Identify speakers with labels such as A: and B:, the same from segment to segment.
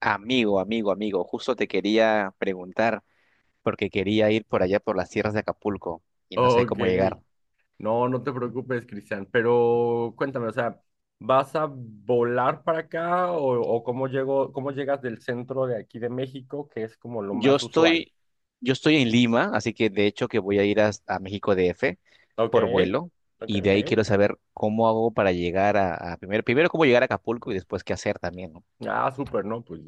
A: Amigo, justo te quería preguntar porque quería ir por allá por las tierras de Acapulco y no sé
B: Ok,
A: cómo llegar.
B: no, no te preocupes, Cristian, pero cuéntame, o sea, ¿vas a volar para acá o cómo llegas del centro de aquí de México, que es como lo
A: Yo
B: más usual?
A: estoy, yo estoy en Lima, así que de hecho que voy a ir a México DF
B: Ok,
A: por vuelo
B: ok,
A: y de ahí
B: ok.
A: quiero saber cómo hago para llegar a, a primero cómo llegar a Acapulco y después qué hacer también, ¿no?
B: Ah, súper, ¿no? Pues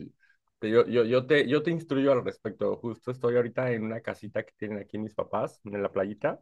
B: yo te instruyo al respecto. Justo estoy ahorita en una casita que tienen aquí mis papás, en la playita.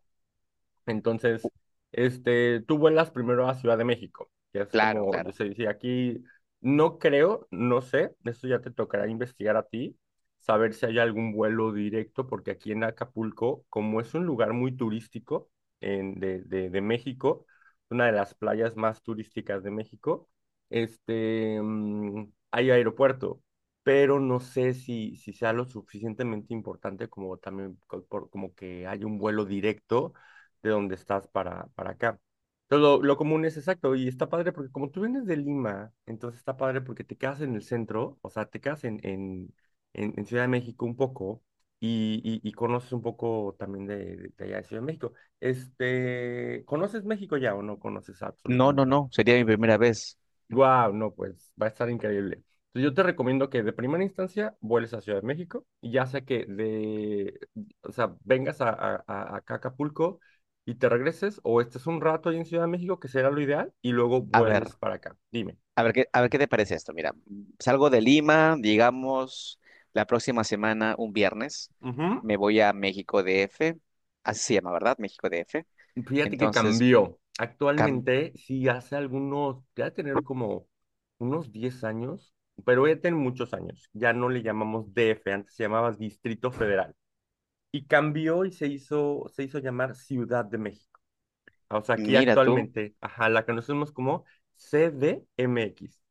B: Entonces, este, tú vuelas primero a Ciudad de México, que es
A: Claro,
B: como, yo
A: claro.
B: sé, si aquí no creo, no sé, eso ya te tocará investigar a ti, saber si hay algún vuelo directo, porque aquí en Acapulco, como es un lugar muy turístico de México, una de las playas más turísticas de México, este, hay aeropuerto, pero no sé si sea lo suficientemente importante como también como que haya un vuelo directo de donde estás para acá. Entonces, lo común es exacto, y está padre porque como tú vienes de Lima, entonces está padre porque te quedas en el centro, o sea, te quedas en Ciudad de México un poco y conoces un poco también de allá de Ciudad de México. Este, ¿conoces México ya o no conoces
A: No, no,
B: absolutamente nada?
A: no, sería mi primera vez.
B: Wow, no, pues va a estar increíble. Entonces, yo te recomiendo que de primera instancia vueles a Ciudad de México, y ya sea que de, o sea, vengas acá a Acapulco y te regreses, o estés un rato ahí en Ciudad de México, que será lo ideal, y luego
A: A ver.
B: vueles para acá. Dime.
A: A ver qué te parece esto. Mira, salgo de Lima, digamos, la próxima semana, un viernes,
B: Ujú.
A: me voy a México DF, así se llama, ¿verdad? México DF.
B: Fíjate que
A: Entonces,
B: cambió.
A: cam-
B: Actualmente, sí, hace algunos, ya de tener como unos 10 años, pero ya tiene muchos años. Ya no le llamamos DF, antes se llamaba Distrito Federal. Y cambió y se hizo llamar Ciudad de México. O sea, aquí
A: Mira tú.
B: actualmente, ajá, la conocemos como CDMX.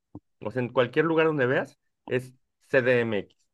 B: O sea, en cualquier lugar donde veas es CDMX,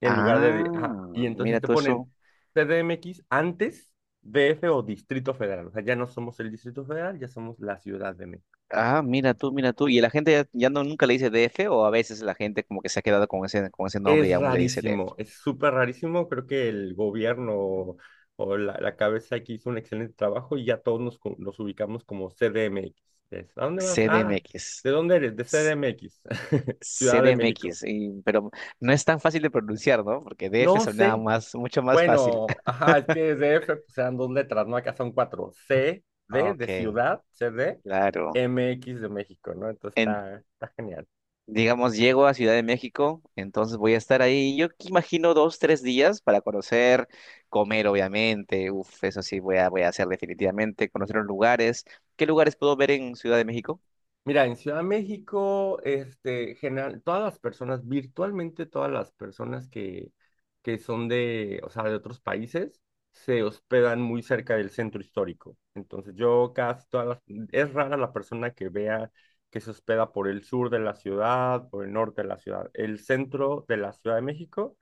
B: en lugar de, ajá, y
A: Ah,
B: entonces
A: mira
B: te
A: tú eso.
B: ponen CDMX antes DF o Distrito Federal. O sea, ya no somos el Distrito Federal, ya somos la Ciudad de México.
A: Ah, mira tú. Y la gente ya, ya no nunca le dice DF, o a veces la gente como que se ha quedado con ese nombre y
B: Es
A: aún le dice DF.
B: rarísimo, es súper rarísimo. Creo que el gobierno o la cabeza aquí hizo un excelente trabajo y ya todos nos, nos ubicamos como CDMX. ¿A dónde vas? Ah,
A: CDMX.
B: ¿de dónde eres? De
A: s-
B: CDMX, Ciudad de México.
A: CDMX, pero no es tan fácil de pronunciar, ¿no? Porque DF
B: No
A: sonaba
B: sé.
A: más, mucho más fácil.
B: Bueno, ajá, es que DF pues eran dos letras, ¿no? Acá son cuatro. C, D de
A: Ok,
B: ciudad, C D,
A: claro.
B: M X de México, ¿no? Entonces
A: En,
B: está genial.
A: digamos, llego a Ciudad de México, entonces voy a estar ahí. Yo que imagino dos, tres días para conocer, comer, obviamente. Uf, eso sí, voy a hacer definitivamente, conocer los lugares. ¿Qué lugares puedo ver en Ciudad de México?
B: Mira, en Ciudad de México, este, general, todas las personas, virtualmente todas las personas que son de, o sea, de otros países, se hospedan muy cerca del centro histórico. Entonces, yo casi todas las, es rara la persona que vea que se hospeda por el sur de la ciudad, por el norte de la ciudad. El centro de la Ciudad de México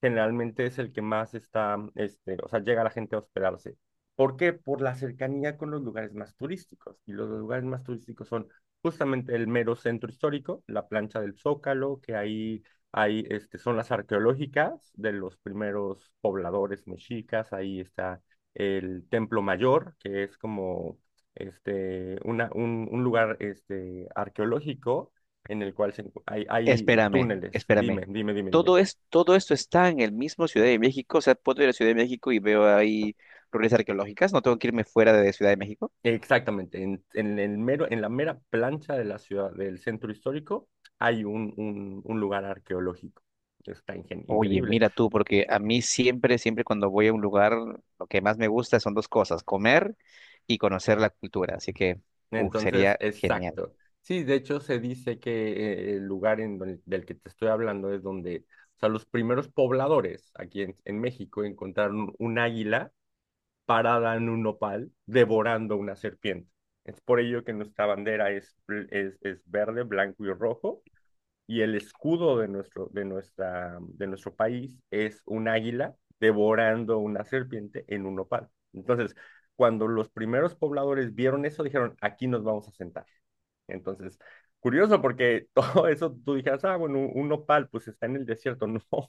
B: generalmente es el que más está, este, o sea, llega la gente a hospedarse. ¿Por qué? Por la cercanía con los lugares más turísticos. Y los lugares más turísticos son justamente el mero centro histórico, la plancha del Zócalo, que ahí, ahí este, son las arqueológicas de los primeros pobladores mexicas, ahí está el Templo Mayor, que es como este, un lugar este, arqueológico en el cual hay túneles. Dime,
A: Espérame.
B: dime, dime, dime.
A: Todo esto está en el mismo Ciudad de México. O sea, puedo ir a Ciudad de México y veo ahí ruinas arqueológicas. No tengo que irme fuera de Ciudad de México.
B: Exactamente, en la mera plancha de la ciudad, del centro histórico, hay un lugar arqueológico. Está
A: Oye,
B: increíble.
A: mira tú, porque a mí siempre cuando voy a un lugar, lo que más me gusta son dos cosas, comer y conocer la cultura. Así que, uf,
B: Entonces,
A: sería genial.
B: exacto. Sí, de hecho se dice que el lugar del que te estoy hablando es donde, o sea, los primeros pobladores aquí en México encontraron un águila parada en un nopal devorando una serpiente. Es por ello que nuestra bandera es verde, blanco y rojo, y el escudo de nuestro, de nuestro país es un águila devorando una serpiente en un nopal. Entonces, cuando los primeros pobladores vieron eso, dijeron, aquí nos vamos a sentar. Entonces, curioso porque todo eso tú dijeras, ah, bueno, un nopal pues está en el desierto.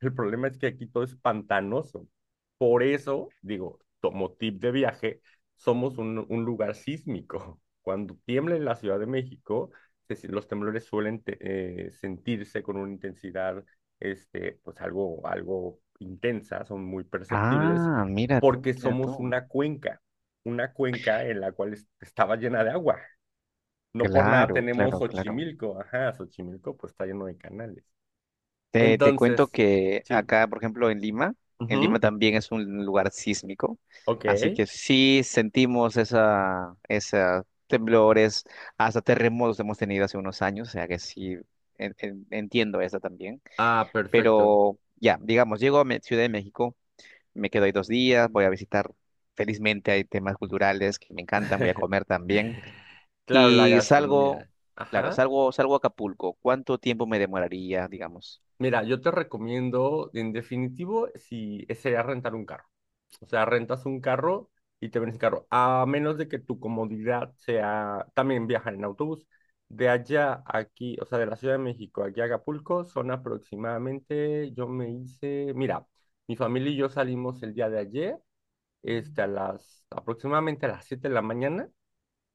B: No, el problema es que aquí todo es pantanoso. Por eso, digo, como tip de viaje, somos un lugar sísmico. Cuando tiembla en la Ciudad de México, se si- los temblores suelen sentirse con una intensidad, este, pues algo intensa, son muy perceptibles,
A: Ah,
B: porque
A: mira
B: somos
A: tú.
B: una cuenca en la cual estaba llena de agua. No por nada
A: Claro,
B: tenemos
A: claro, claro.
B: Xochimilco. Ajá, Xochimilco pues está lleno de canales.
A: Te cuento
B: Entonces,
A: que
B: sí.
A: acá, por ejemplo, en Lima
B: Ujú.
A: también es un lugar sísmico,
B: Ok.
A: así que sí sentimos esa temblores, hasta terremotos hemos tenido hace unos años, o sea que sí entiendo eso también.
B: Ah, perfecto.
A: Pero ya, digamos, llego a Ciudad de México, me quedo ahí dos días, voy a visitar, felizmente hay temas culturales que me encantan, voy a comer también.
B: Claro, la
A: Y salgo,
B: gastronomía.
A: claro,
B: Ajá.
A: salgo a Acapulco. ¿Cuánto tiempo me demoraría, digamos?
B: Mira, yo te recomiendo, en definitivo, si sería rentar un carro. O sea, rentas un carro y te vienes en carro. A menos de que tu comodidad sea también viajar en autobús. De allá a aquí, o sea, de la Ciudad de México aquí a Acapulco, son aproximadamente, yo me hice, mira, mi familia y yo salimos el día de ayer, este, aproximadamente a las 7 de la mañana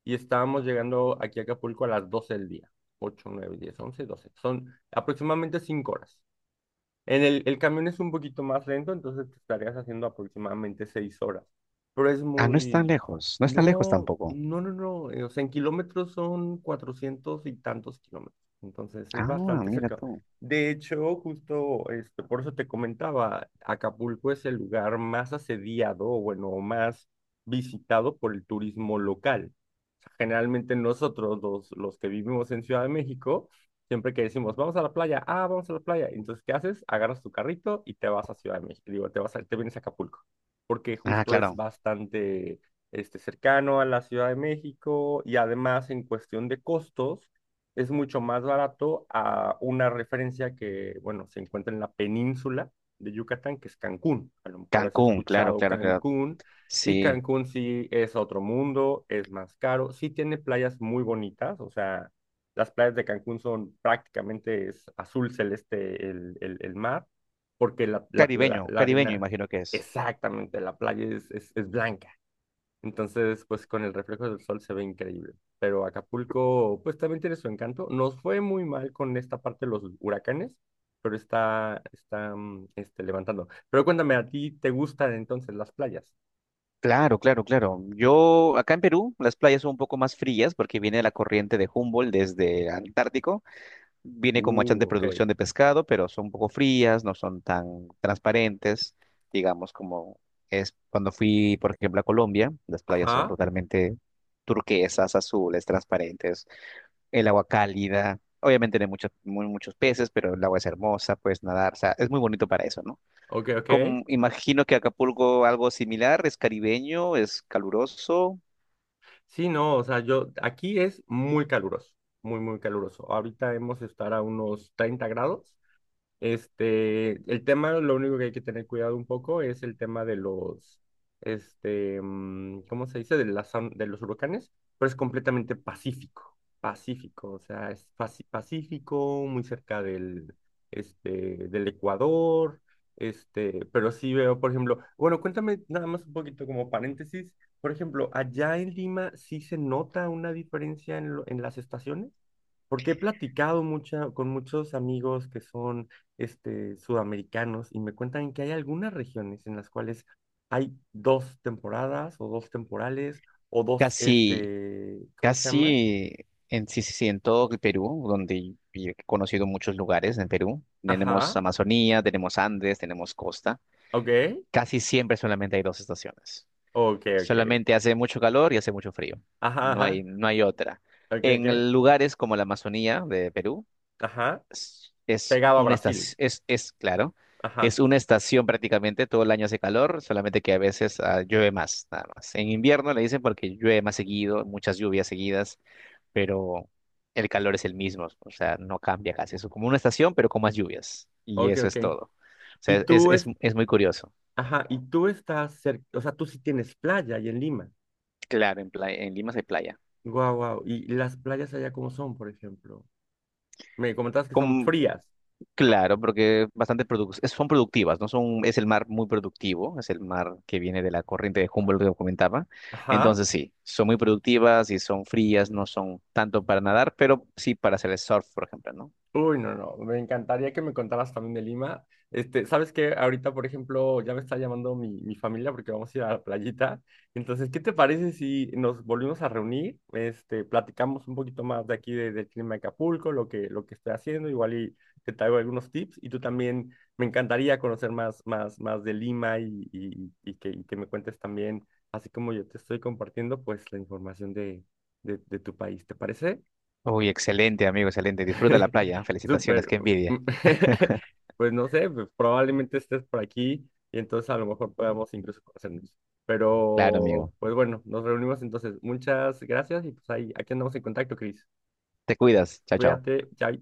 B: y estábamos llegando aquí a Acapulco a las 12 del día. Ocho, 9, 10, 11, 12. Son aproximadamente 5 horas. En el camión es un poquito más lento, entonces te estarías haciendo aproximadamente 6 horas. Pero es
A: Ah,
B: muy...
A: no es tan lejos
B: No,
A: tampoco.
B: no, no, no. O sea, en kilómetros son cuatrocientos y tantos kilómetros. Entonces es
A: Ah,
B: bastante
A: mira
B: cerca.
A: tú.
B: De hecho, justo este, por eso te comentaba, Acapulco es el lugar más asediado, o bueno, más visitado por el turismo local. O sea, generalmente nosotros, los que vivimos en Ciudad de México, siempre que decimos, vamos a la playa, ah, vamos a la playa. Entonces, ¿qué haces? Agarras tu carrito y te vas a Ciudad de México. Digo, te vienes a Acapulco, porque
A: Ah,
B: justo es
A: claro.
B: bastante este, cercano a la Ciudad de México y además en cuestión de costos es mucho más barato a una referencia que, bueno, se encuentra en la península de Yucatán, que es Cancún. A lo mejor has
A: Cancún, claro,
B: escuchado
A: claro, claro.
B: Cancún y
A: Sí.
B: Cancún sí es otro mundo, es más caro, sí tiene playas muy bonitas, o sea las playas de Cancún son prácticamente es azul celeste el mar, porque
A: Caribeño,
B: la
A: caribeño,
B: arena,
A: imagino que es.
B: exactamente, la playa es blanca. Entonces, pues con el reflejo del sol se ve increíble. Pero Acapulco, pues también tiene su encanto. Nos fue muy mal con esta parte de los huracanes, pero está este, levantando. Pero cuéntame, ¿a ti te gustan entonces las playas?
A: Claro, claro, claro. Yo, acá en Perú, las playas son un poco más frías porque viene la corriente de Humboldt desde Antártico. Viene con machan de
B: Ok.
A: producción de pescado, pero son un poco frías, no son tan transparentes, digamos, como es cuando fui, por ejemplo, a Colombia. Las playas son
B: Ajá,
A: totalmente turquesas, azules, transparentes, el agua cálida. Obviamente tiene muchos, muy, muchos peces, pero el agua es hermosa, puedes nadar, o sea, es muy bonito para eso, ¿no?
B: ok, ok.
A: Como, imagino que Acapulco algo similar, es caribeño, es caluroso,
B: Sí, no, o sea, yo, aquí es muy caluroso, muy, muy caluroso. Ahorita hemos de estar a unos 30 grados este, el tema, lo único que hay que tener cuidado un poco es el tema de los, este, ¿cómo se dice? De de los huracanes, pero es completamente pacífico, pacífico, o sea, es pacífico, muy cerca del, este, del Ecuador, este, pero sí veo, por ejemplo, bueno, cuéntame nada más un poquito como paréntesis, por ejemplo, allá en Lima sí se nota una diferencia en las estaciones porque he platicado con muchos amigos que son este, sudamericanos y me cuentan que hay algunas regiones en las cuales hay dos temporadas o dos temporales o dos,
A: casi.
B: este, ¿cómo se llama?
A: Casi sí, sí, sí, en todo el Perú, donde yo he conocido muchos lugares en Perú, tenemos
B: Ajá,
A: Amazonía, tenemos Andes, tenemos costa,
B: ok,
A: casi siempre solamente hay dos estaciones.
B: ok, ok,
A: Solamente hace mucho calor y hace mucho frío.
B: ajá, ajá,
A: No hay otra.
B: ok, ok,
A: En lugares como la Amazonía de Perú,
B: ajá,
A: es
B: pegado a
A: una
B: Brasil,
A: estación, es claro, es
B: ajá,
A: una estación prácticamente, todo el año hace calor, solamente que a veces ah, llueve más, nada más. En invierno le dicen porque llueve más seguido, muchas lluvias seguidas pero el calor es el mismo, o sea, no cambia casi, es como una estación, pero con más lluvias, y
B: ok,
A: eso
B: ok.
A: es todo. O
B: Y
A: sea,
B: tú,
A: es muy curioso.
B: ajá, y tú estás cerca, o sea, tú sí tienes playa ahí en Lima.
A: Claro, en playa, en Lima sí hay playa.
B: Guau, guau. ¿Y las playas allá cómo son, por ejemplo? Me comentabas que son
A: Como-
B: frías.
A: claro, porque bastante son productivas, ¿no? Son, es el mar muy productivo, es el mar que viene de la corriente de Humboldt que comentaba.
B: Ajá.
A: Entonces sí, son muy productivas y son frías, no son tanto para nadar, pero sí para hacer el surf, por ejemplo, ¿no?
B: Uy, no, no, me encantaría que me contaras también de Lima. Este, ¿sabes qué? Ahorita, por ejemplo, ya me está llamando mi familia porque vamos a ir a la playita. Entonces, ¿qué te parece si nos volvimos a reunir? Este, platicamos un poquito más de aquí del clima de Acapulco, lo que estoy haciendo, igual y te traigo algunos tips. Y tú también, me encantaría conocer más de Lima y, y que me cuentes también, así como yo te estoy compartiendo, pues la información de tu país. ¿Te parece?
A: Uy, excelente, amigo, excelente. Disfruta la playa, ¿eh? Felicitaciones,
B: Súper.
A: qué envidia.
B: Pues no sé, pues, probablemente estés por aquí y entonces a lo mejor podamos incluso conocernos.
A: Claro,
B: Pero,
A: amigo.
B: pues bueno, nos reunimos entonces. Muchas gracias y pues ahí, aquí andamos en contacto, Cris.
A: Te cuidas. Chao, chao.
B: Cuídate, chao.